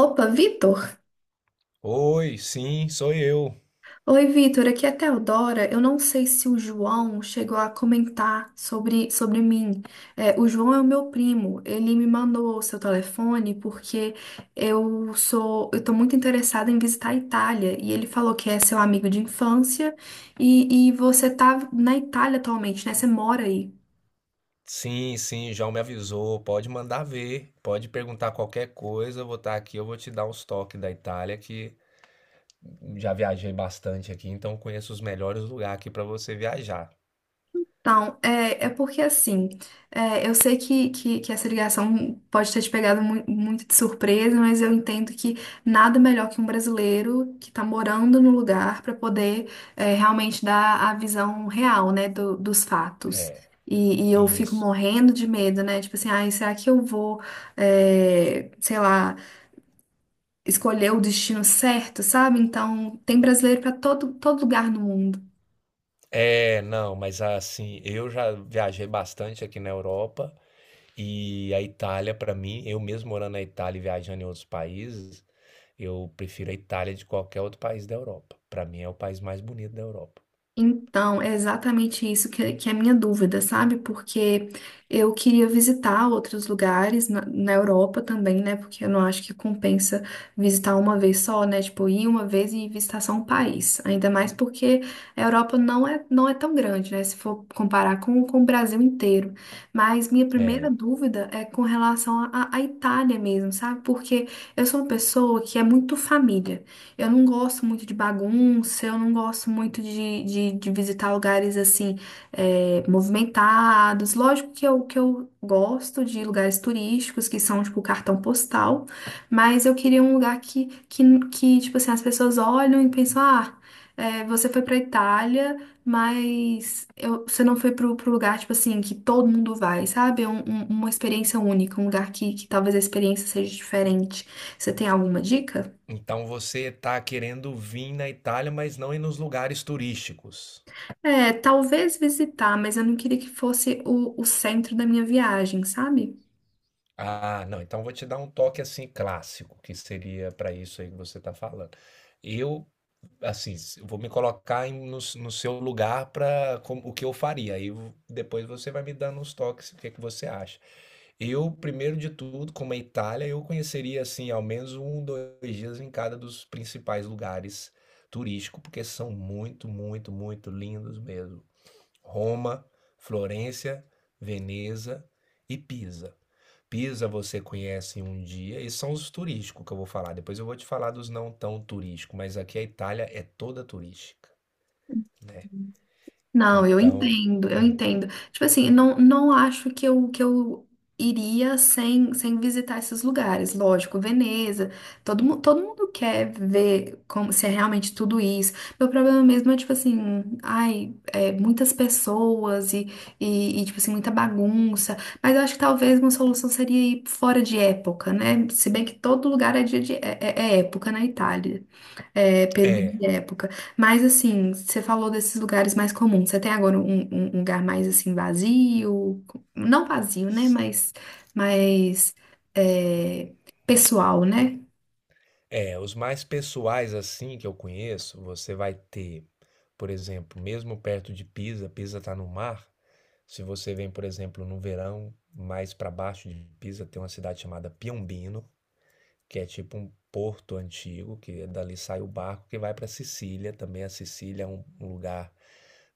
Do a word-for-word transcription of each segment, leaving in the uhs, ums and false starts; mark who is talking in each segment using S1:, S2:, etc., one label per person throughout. S1: Opa, Vitor!
S2: Oi, sim, sou eu.
S1: Oi, Vitor, aqui é a Teodora. Eu não sei se o João chegou a comentar sobre, sobre mim. É, o João é o meu primo. Ele me mandou o seu telefone porque eu sou, eu tô muito interessada em visitar a Itália. E ele falou que é seu amigo de infância e, e você tá na Itália atualmente, né? Você mora aí.
S2: Sim, sim, o João me avisou. Pode mandar ver, pode perguntar qualquer coisa. Eu vou estar aqui, eu vou te dar uns toques da Itália, que já viajei bastante aqui, então conheço os melhores lugares aqui para você viajar.
S1: Então, é, é porque assim, é, eu sei que, que, que essa ligação pode ter te pegado mu- muito de surpresa, mas eu entendo que nada melhor que um brasileiro que está morando no lugar para poder, é, realmente dar a visão real, né, do- dos fatos.
S2: É,
S1: E, e eu fico
S2: isso.
S1: morrendo de medo, né? Tipo assim, ai, será que eu vou, é, sei lá, escolher o destino certo, sabe? Então, tem brasileiro para todo, todo lugar no mundo.
S2: É, não, mas assim, eu já viajei bastante aqui na Europa e a Itália, para mim, eu mesmo morando na Itália e viajando em outros países, eu prefiro a Itália de qualquer outro país da Europa. Para mim é o país mais bonito da Europa.
S1: Então, é exatamente isso que, que é a minha dúvida, sabe? Porque eu queria visitar outros lugares na, na Europa também, né? Porque eu não acho que compensa visitar uma vez só, né? Tipo, ir uma vez e visitar só um país. Ainda mais porque a Europa não é, não é tão grande, né? Se for comparar com, com o Brasil inteiro. Mas minha primeira
S2: É.
S1: dúvida é com relação à à Itália mesmo, sabe? Porque eu sou uma pessoa que é muito família. Eu não gosto muito de bagunça, eu não gosto muito de, de, de visitar lugares assim, é, movimentados. Lógico que eu, que eu gosto de lugares turísticos, que são tipo cartão postal, mas eu queria um lugar que, que, que tipo assim, as pessoas olham e pensam, ah, é, você foi pra Itália, mas eu- você não foi pro, pro lugar, tipo assim, que todo mundo vai, sabe? É um- um- uma experiência única, um lugar que, que talvez a experiência seja diferente. Você tem alguma dica?
S2: Então você está querendo vir na Itália, mas não ir nos lugares turísticos.
S1: É, talvez visitar, mas eu não queria que fosse o, o centro da minha viagem, sabe?
S2: Ah, não. Então vou te dar um toque assim clássico, que seria para isso aí que você está falando. Eu, assim, s- vou me colocar em- no, s- no seu lugar para o que eu faria. Aí vo- depois você vai me dando uns toques, o que que você acha. Eu, primeiro de tudo, como é Itália, eu conheceria, assim, ao menos um, dois dias em cada dos principais lugares turísticos, porque são muito, muito, muito lindos mesmo. Roma, Florença, Veneza e Pisa. Pisa você conhece em um dia, e são os turísticos que eu vou falar. Depois eu vou te falar dos não tão turísticos, mas aqui a Itália é toda turística.
S1: Não, eu
S2: Então,
S1: entendo, eu
S2: hum,
S1: entendo. Tipo assim, não, não acho que eu, que eu iria sem, sem visitar esses lugares. Lógico, Veneza, todo, mu- todo mundo quer ver como se é realmente tudo isso. Meu problema mesmo é, tipo assim, ai, é, muitas pessoas e, e, e, tipo assim, muita bagunça. Mas eu acho que talvez uma solução seria ir fora de época, né? Se bem que todo lugar é, dia de, é é- é época na Itália. É, perda
S2: é,
S1: de época. Mas assim, você falou desses lugares mais comuns. Você tem agora um, um- um lugar mais assim vazio, não vazio, né? Mas mais, é, pessoal, né?
S2: é, os mais pessoais assim que eu conheço, você vai ter, por exemplo, mesmo perto de Pisa, Pisa está no mar. Se você vem, por exemplo, no verão, mais para baixo de Pisa, tem uma cidade chamada Piombino, que é tipo um porto antigo, que dali sai o barco que vai para Sicília. Também a Sicília é um um lugar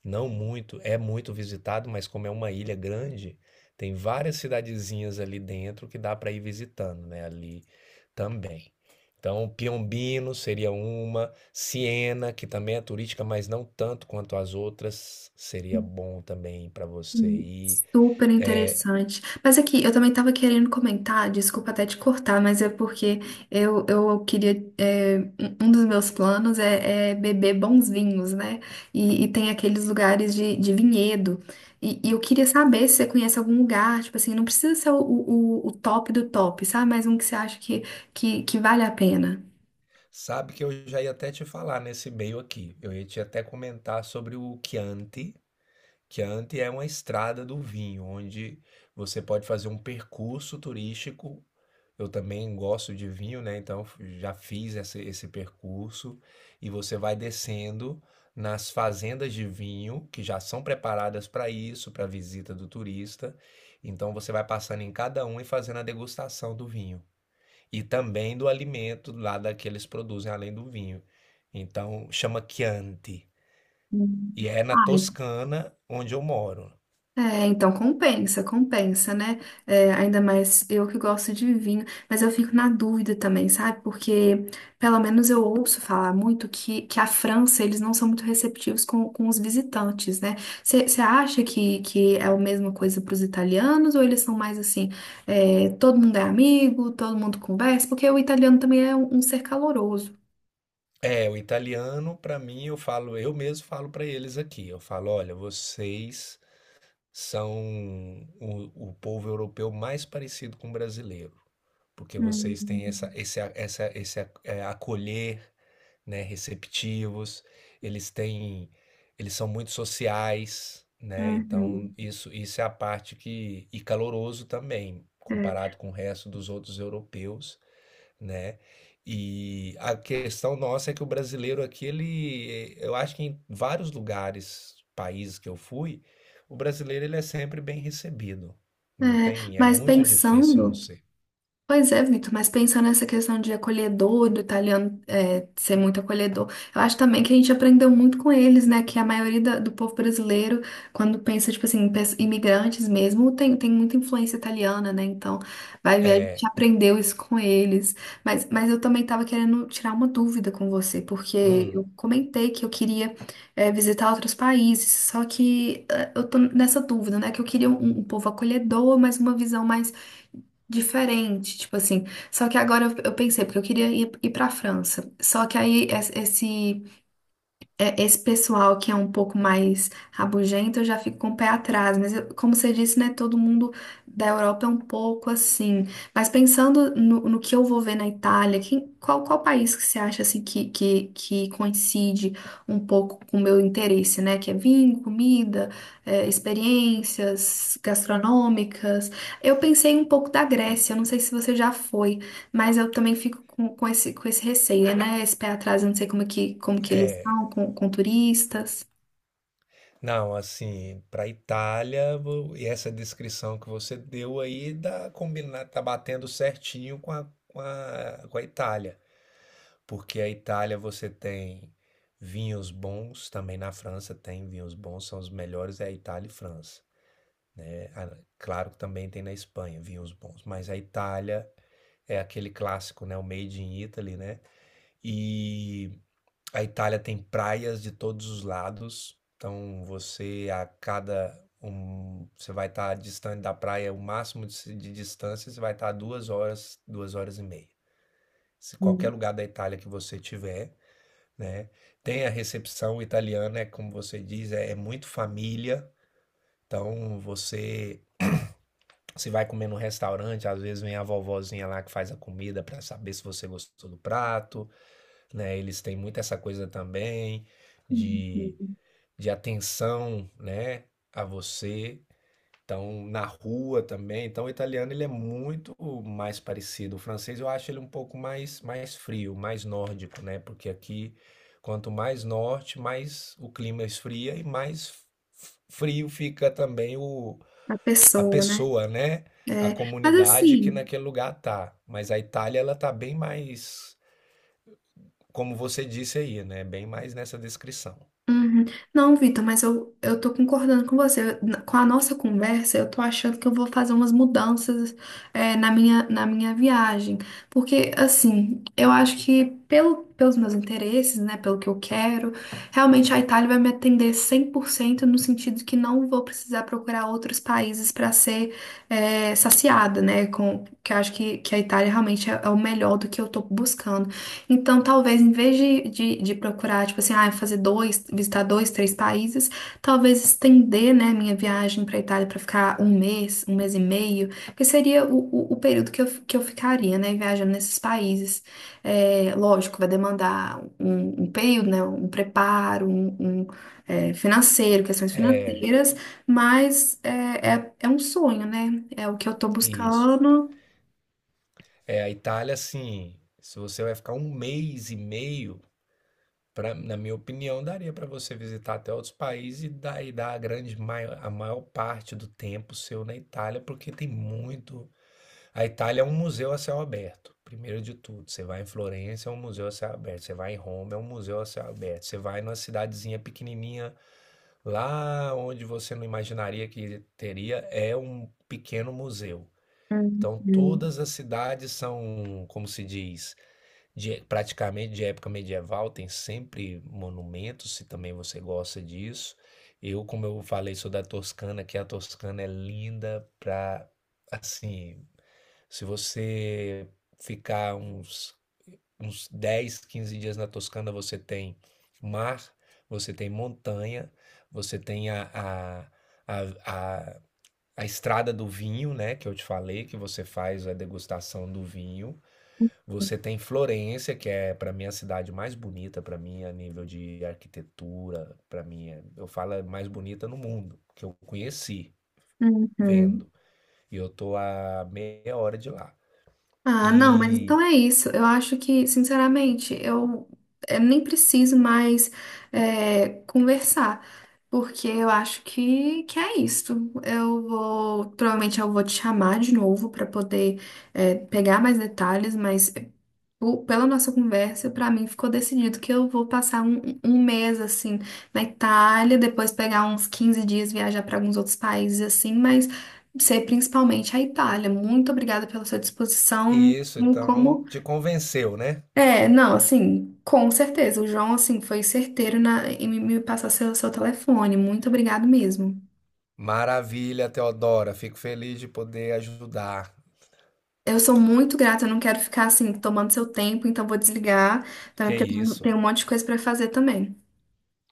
S2: não muito, é muito visitado, mas como é uma ilha grande, tem várias cidadezinhas ali dentro que dá para ir visitando, né? Ali também. Então, Piombino seria uma, Siena, que também é turística, mas não tanto quanto as outras, seria bom também para você
S1: Hum.
S2: ir.
S1: Super
S2: É,
S1: interessante. Mas aqui, eu também estava querendo comentar, desculpa até te cortar, mas é porque eu, eu queria. é, um um dos meus planos é, é beber bons vinhos, né? E, e tem aqueles lugares de, de vinhedo. E, e eu queria saber se você conhece algum lugar, tipo assim, não precisa ser o, o, o top do top, sabe? Mas um que você acha que, que, que vale a pena.
S2: Sabe que eu já ia até te falar nesse meio aqui. Eu ia te até comentar sobre o Chianti. Chianti é uma estrada do vinho, onde você pode fazer um percurso turístico. Eu também gosto de vinho, né? Então f- já fiz esse, esse percurso e você vai descendo nas fazendas de vinho que já são preparadas para isso, para a visita do turista. Então você vai passando em cada um e fazendo a degustação do vinho e também do alimento lá da que eles produzem, além do vinho. Então, chama Chianti.
S1: Hum.
S2: E é na
S1: Ah.
S2: Toscana, onde eu moro.
S1: É, então compensa, compensa, né? É, ainda mais eu que gosto de vinho, mas eu fico na dúvida também, sabe? Porque pelo menos eu ouço falar muito que, que a França, eles não são muito receptivos com, com os visitantes, né? Você acha que, que é a mesma coisa para os italianos ou eles são mais assim, é, todo mundo é amigo, todo mundo conversa? Porque o italiano também é um, um ser caloroso.
S2: É, o italiano, para mim, eu falo, eu mesmo falo para eles aqui. Eu falo, olha, vocês são o, o povo europeu mais parecido com o brasileiro, porque vocês têm essa,
S1: Hum.
S2: esse, a- essa, esse é, é, acolher, né, receptivos, eles têm eles são muito sociais, né, então
S1: Uhum.
S2: isso isso é a parte que e caloroso também,
S1: É.
S2: comparado com o resto dos outros europeus, né. E a questão nossa é que o brasileiro aqui ele eu acho que em vários lugares, países que eu fui, o brasileiro ele é sempre bem recebido,
S1: É,
S2: não tem é
S1: mas
S2: muito difícil não
S1: pensando.
S2: ser.
S1: Pois é, Vitor, mas pensando nessa questão de acolhedor, do italiano, é, ser muito acolhedor, eu acho também que a gente aprendeu muito com eles, né? Que a maioria da- do povo brasileiro, quando pensa, tipo assim, em pes- imigrantes mesmo, tem, tem muita influência italiana, né? Então, vai ver, a gente
S2: É.
S1: aprendeu isso com eles. Mas, mas eu também estava querendo tirar uma dúvida com você, porque
S2: Hum.
S1: eu comentei que eu queria, é, visitar outros países, só que, é, eu tô nessa dúvida, né? Que eu queria um, um povo acolhedor, mas uma visão mais diferente, tipo assim. Só que agora eu, eu pensei, porque eu queria ir, ir pra França. Só que aí es- esse, é, esse pessoal que é um pouco mais rabugento, eu já fico com o pé atrás. Mas, eu- como você disse, né, todo mundo da Europa é um pouco assim. Mas pensando no, no que eu vou ver na Itália, quem- qual, qual país que você acha assim que, que, que coincide um pouco com o meu interesse, né? Que é vinho, comida, é, experiências gastronômicas. Eu pensei um pouco da Grécia, eu não sei se você já foi. Mas eu também fico com, com esse, com esse receio, né? Esse pé atrás, eu não sei como é que, como que eles são com, com turistas.
S2: Não, assim, para Itália, vo- e essa descrição que você deu aí dá combinar, tá batendo certinho com a, com a, com a Itália, porque a Itália você tem vinhos bons, também na França tem vinhos bons, são os melhores é a Itália e França. É, a- claro que também tem na Espanha vinhos bons, mas a Itália é aquele clássico, né, o Made in Italy, né? E a Itália tem praias de todos os lados, então você a cada um, você vai estar distante da praia, o máximo de, se- de distância, você vai estar duas horas, duas horas e meia. Se qualquer
S1: Hum.
S2: lugar da Itália que você tiver, né? Tem a recepção italiana, é como você diz, é, é muito família. Então você se vai comer no restaurante, às vezes vem a vovozinha lá que faz a comida para saber se você gostou do prato, né? Eles têm muito essa coisa também de
S1: Uhum.
S2: de atenção, né, a você. Então, na rua também. Então, o italiano ele é muito mais parecido. O francês eu acho ele um pouco mais mais frio, mais nórdico, né? Porque aqui quanto mais norte, mais o clima esfria e mais f- frio fica também o
S1: A
S2: a
S1: pessoa, né?
S2: pessoa, né? A
S1: É, mas
S2: comunidade que
S1: assim.
S2: naquele lugar tá. Mas a Itália ela tá bem mais, como você disse aí, né? Bem mais nessa descrição.
S1: Uhum. Não, Vitor, mas eu, eu tô concordando com você. Na- Com a nossa conversa, eu tô achando que eu vou fazer umas mudanças, é, na minha, na minha viagem. Porque, assim, eu acho que pelo, pelos meus interesses, né, pelo que eu quero, realmente a Itália vai me atender cem por cento no sentido que não vou precisar procurar outros países para ser, é, saciada, né, com, que eu acho que, que a Itália realmente é, é o melhor do que eu tô buscando. Então, talvez em vez de, de, de procurar, tipo assim, ah, fazer dois, visitar dois, três países, talvez estender, né, minha viagem para Itália para ficar um mês, um mês e meio, que seria o, o, o período que eu, que eu ficaria, né, viajando nesses países. É, lógico, vai demandar um, um período, né, um preparo, um, um, é, financeiro, questões
S2: É,
S1: financeiras, mas é, é, é um sonho, né, é o que eu tô
S2: isso.
S1: buscando.
S2: É, a Itália, assim, se você vai ficar um mês e meio, pra, na minha opinião, daria para você visitar até outros países e dar, e dar a grande maior, a maior parte do tempo seu na Itália, porque tem muito. A Itália é um museu a céu aberto, primeiro de tudo. Você vai em Florença, é um museu a céu aberto. Você vai em Roma, é um museu a céu aberto. Você vai numa cidadezinha pequenininha, lá onde você não imaginaria que teria, é um pequeno museu. Então,
S1: Uhum.
S2: todas as cidades são, como se diz, de- praticamente de época medieval, tem sempre monumentos, se também você gosta disso. Eu, como eu falei, sou da Toscana, que a Toscana é linda para, assim, se você ficar uns, uns dez quinze dias na Toscana, você tem mar, você tem montanha, você tem a, a, a, a a estrada do vinho, né, que eu te falei, que você faz a degustação do vinho. Você tem Florença, que é para mim a cidade mais bonita para mim a nível de arquitetura, para mim, é- eu falo é mais bonita no mundo, que eu conheci
S1: Uhum.
S2: vendo. E eu tô a meia hora de lá.
S1: Ah, não, mas
S2: E
S1: então é isso. Eu acho que, sinceramente, eu, eu nem preciso mais, é, conversar, porque eu acho que, que é isso. Eu vou, provavelmente eu vou te chamar de novo para poder, é, pegar mais detalhes, mas po- pela nossa conversa, para mim ficou decidido que eu vou passar um, um mês assim na Itália, depois pegar uns quinze dias, viajar para alguns outros países assim, mas você, principalmente a Itália. Muito obrigada pela sua disposição.
S2: isso,
S1: Em
S2: então
S1: Como.
S2: te convenceu, né?
S1: É, não, assim, com certeza. O João, assim, foi certeiro na... em me me passar seu, seu telefone. Muito obrigado mesmo.
S2: Maravilha, Teodora, fico feliz de poder ajudar.
S1: Eu sou muito grata, eu não quero ficar, assim, tomando seu tempo, então vou desligar também,
S2: Que
S1: porque eu tenho
S2: isso?
S1: tenho um monte de coisa para fazer também.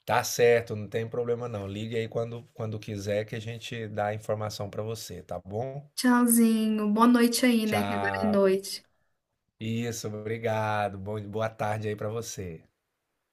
S2: Tá certo, não tem problema não. Ligue aí quando, quando quiser que a gente dá a informação para você, tá bom?
S1: Tchauzinho. Boa noite aí, né? Que agora é
S2: Tchau.
S1: noite.
S2: Isso, obrigado. Bom, boa tarde aí para você.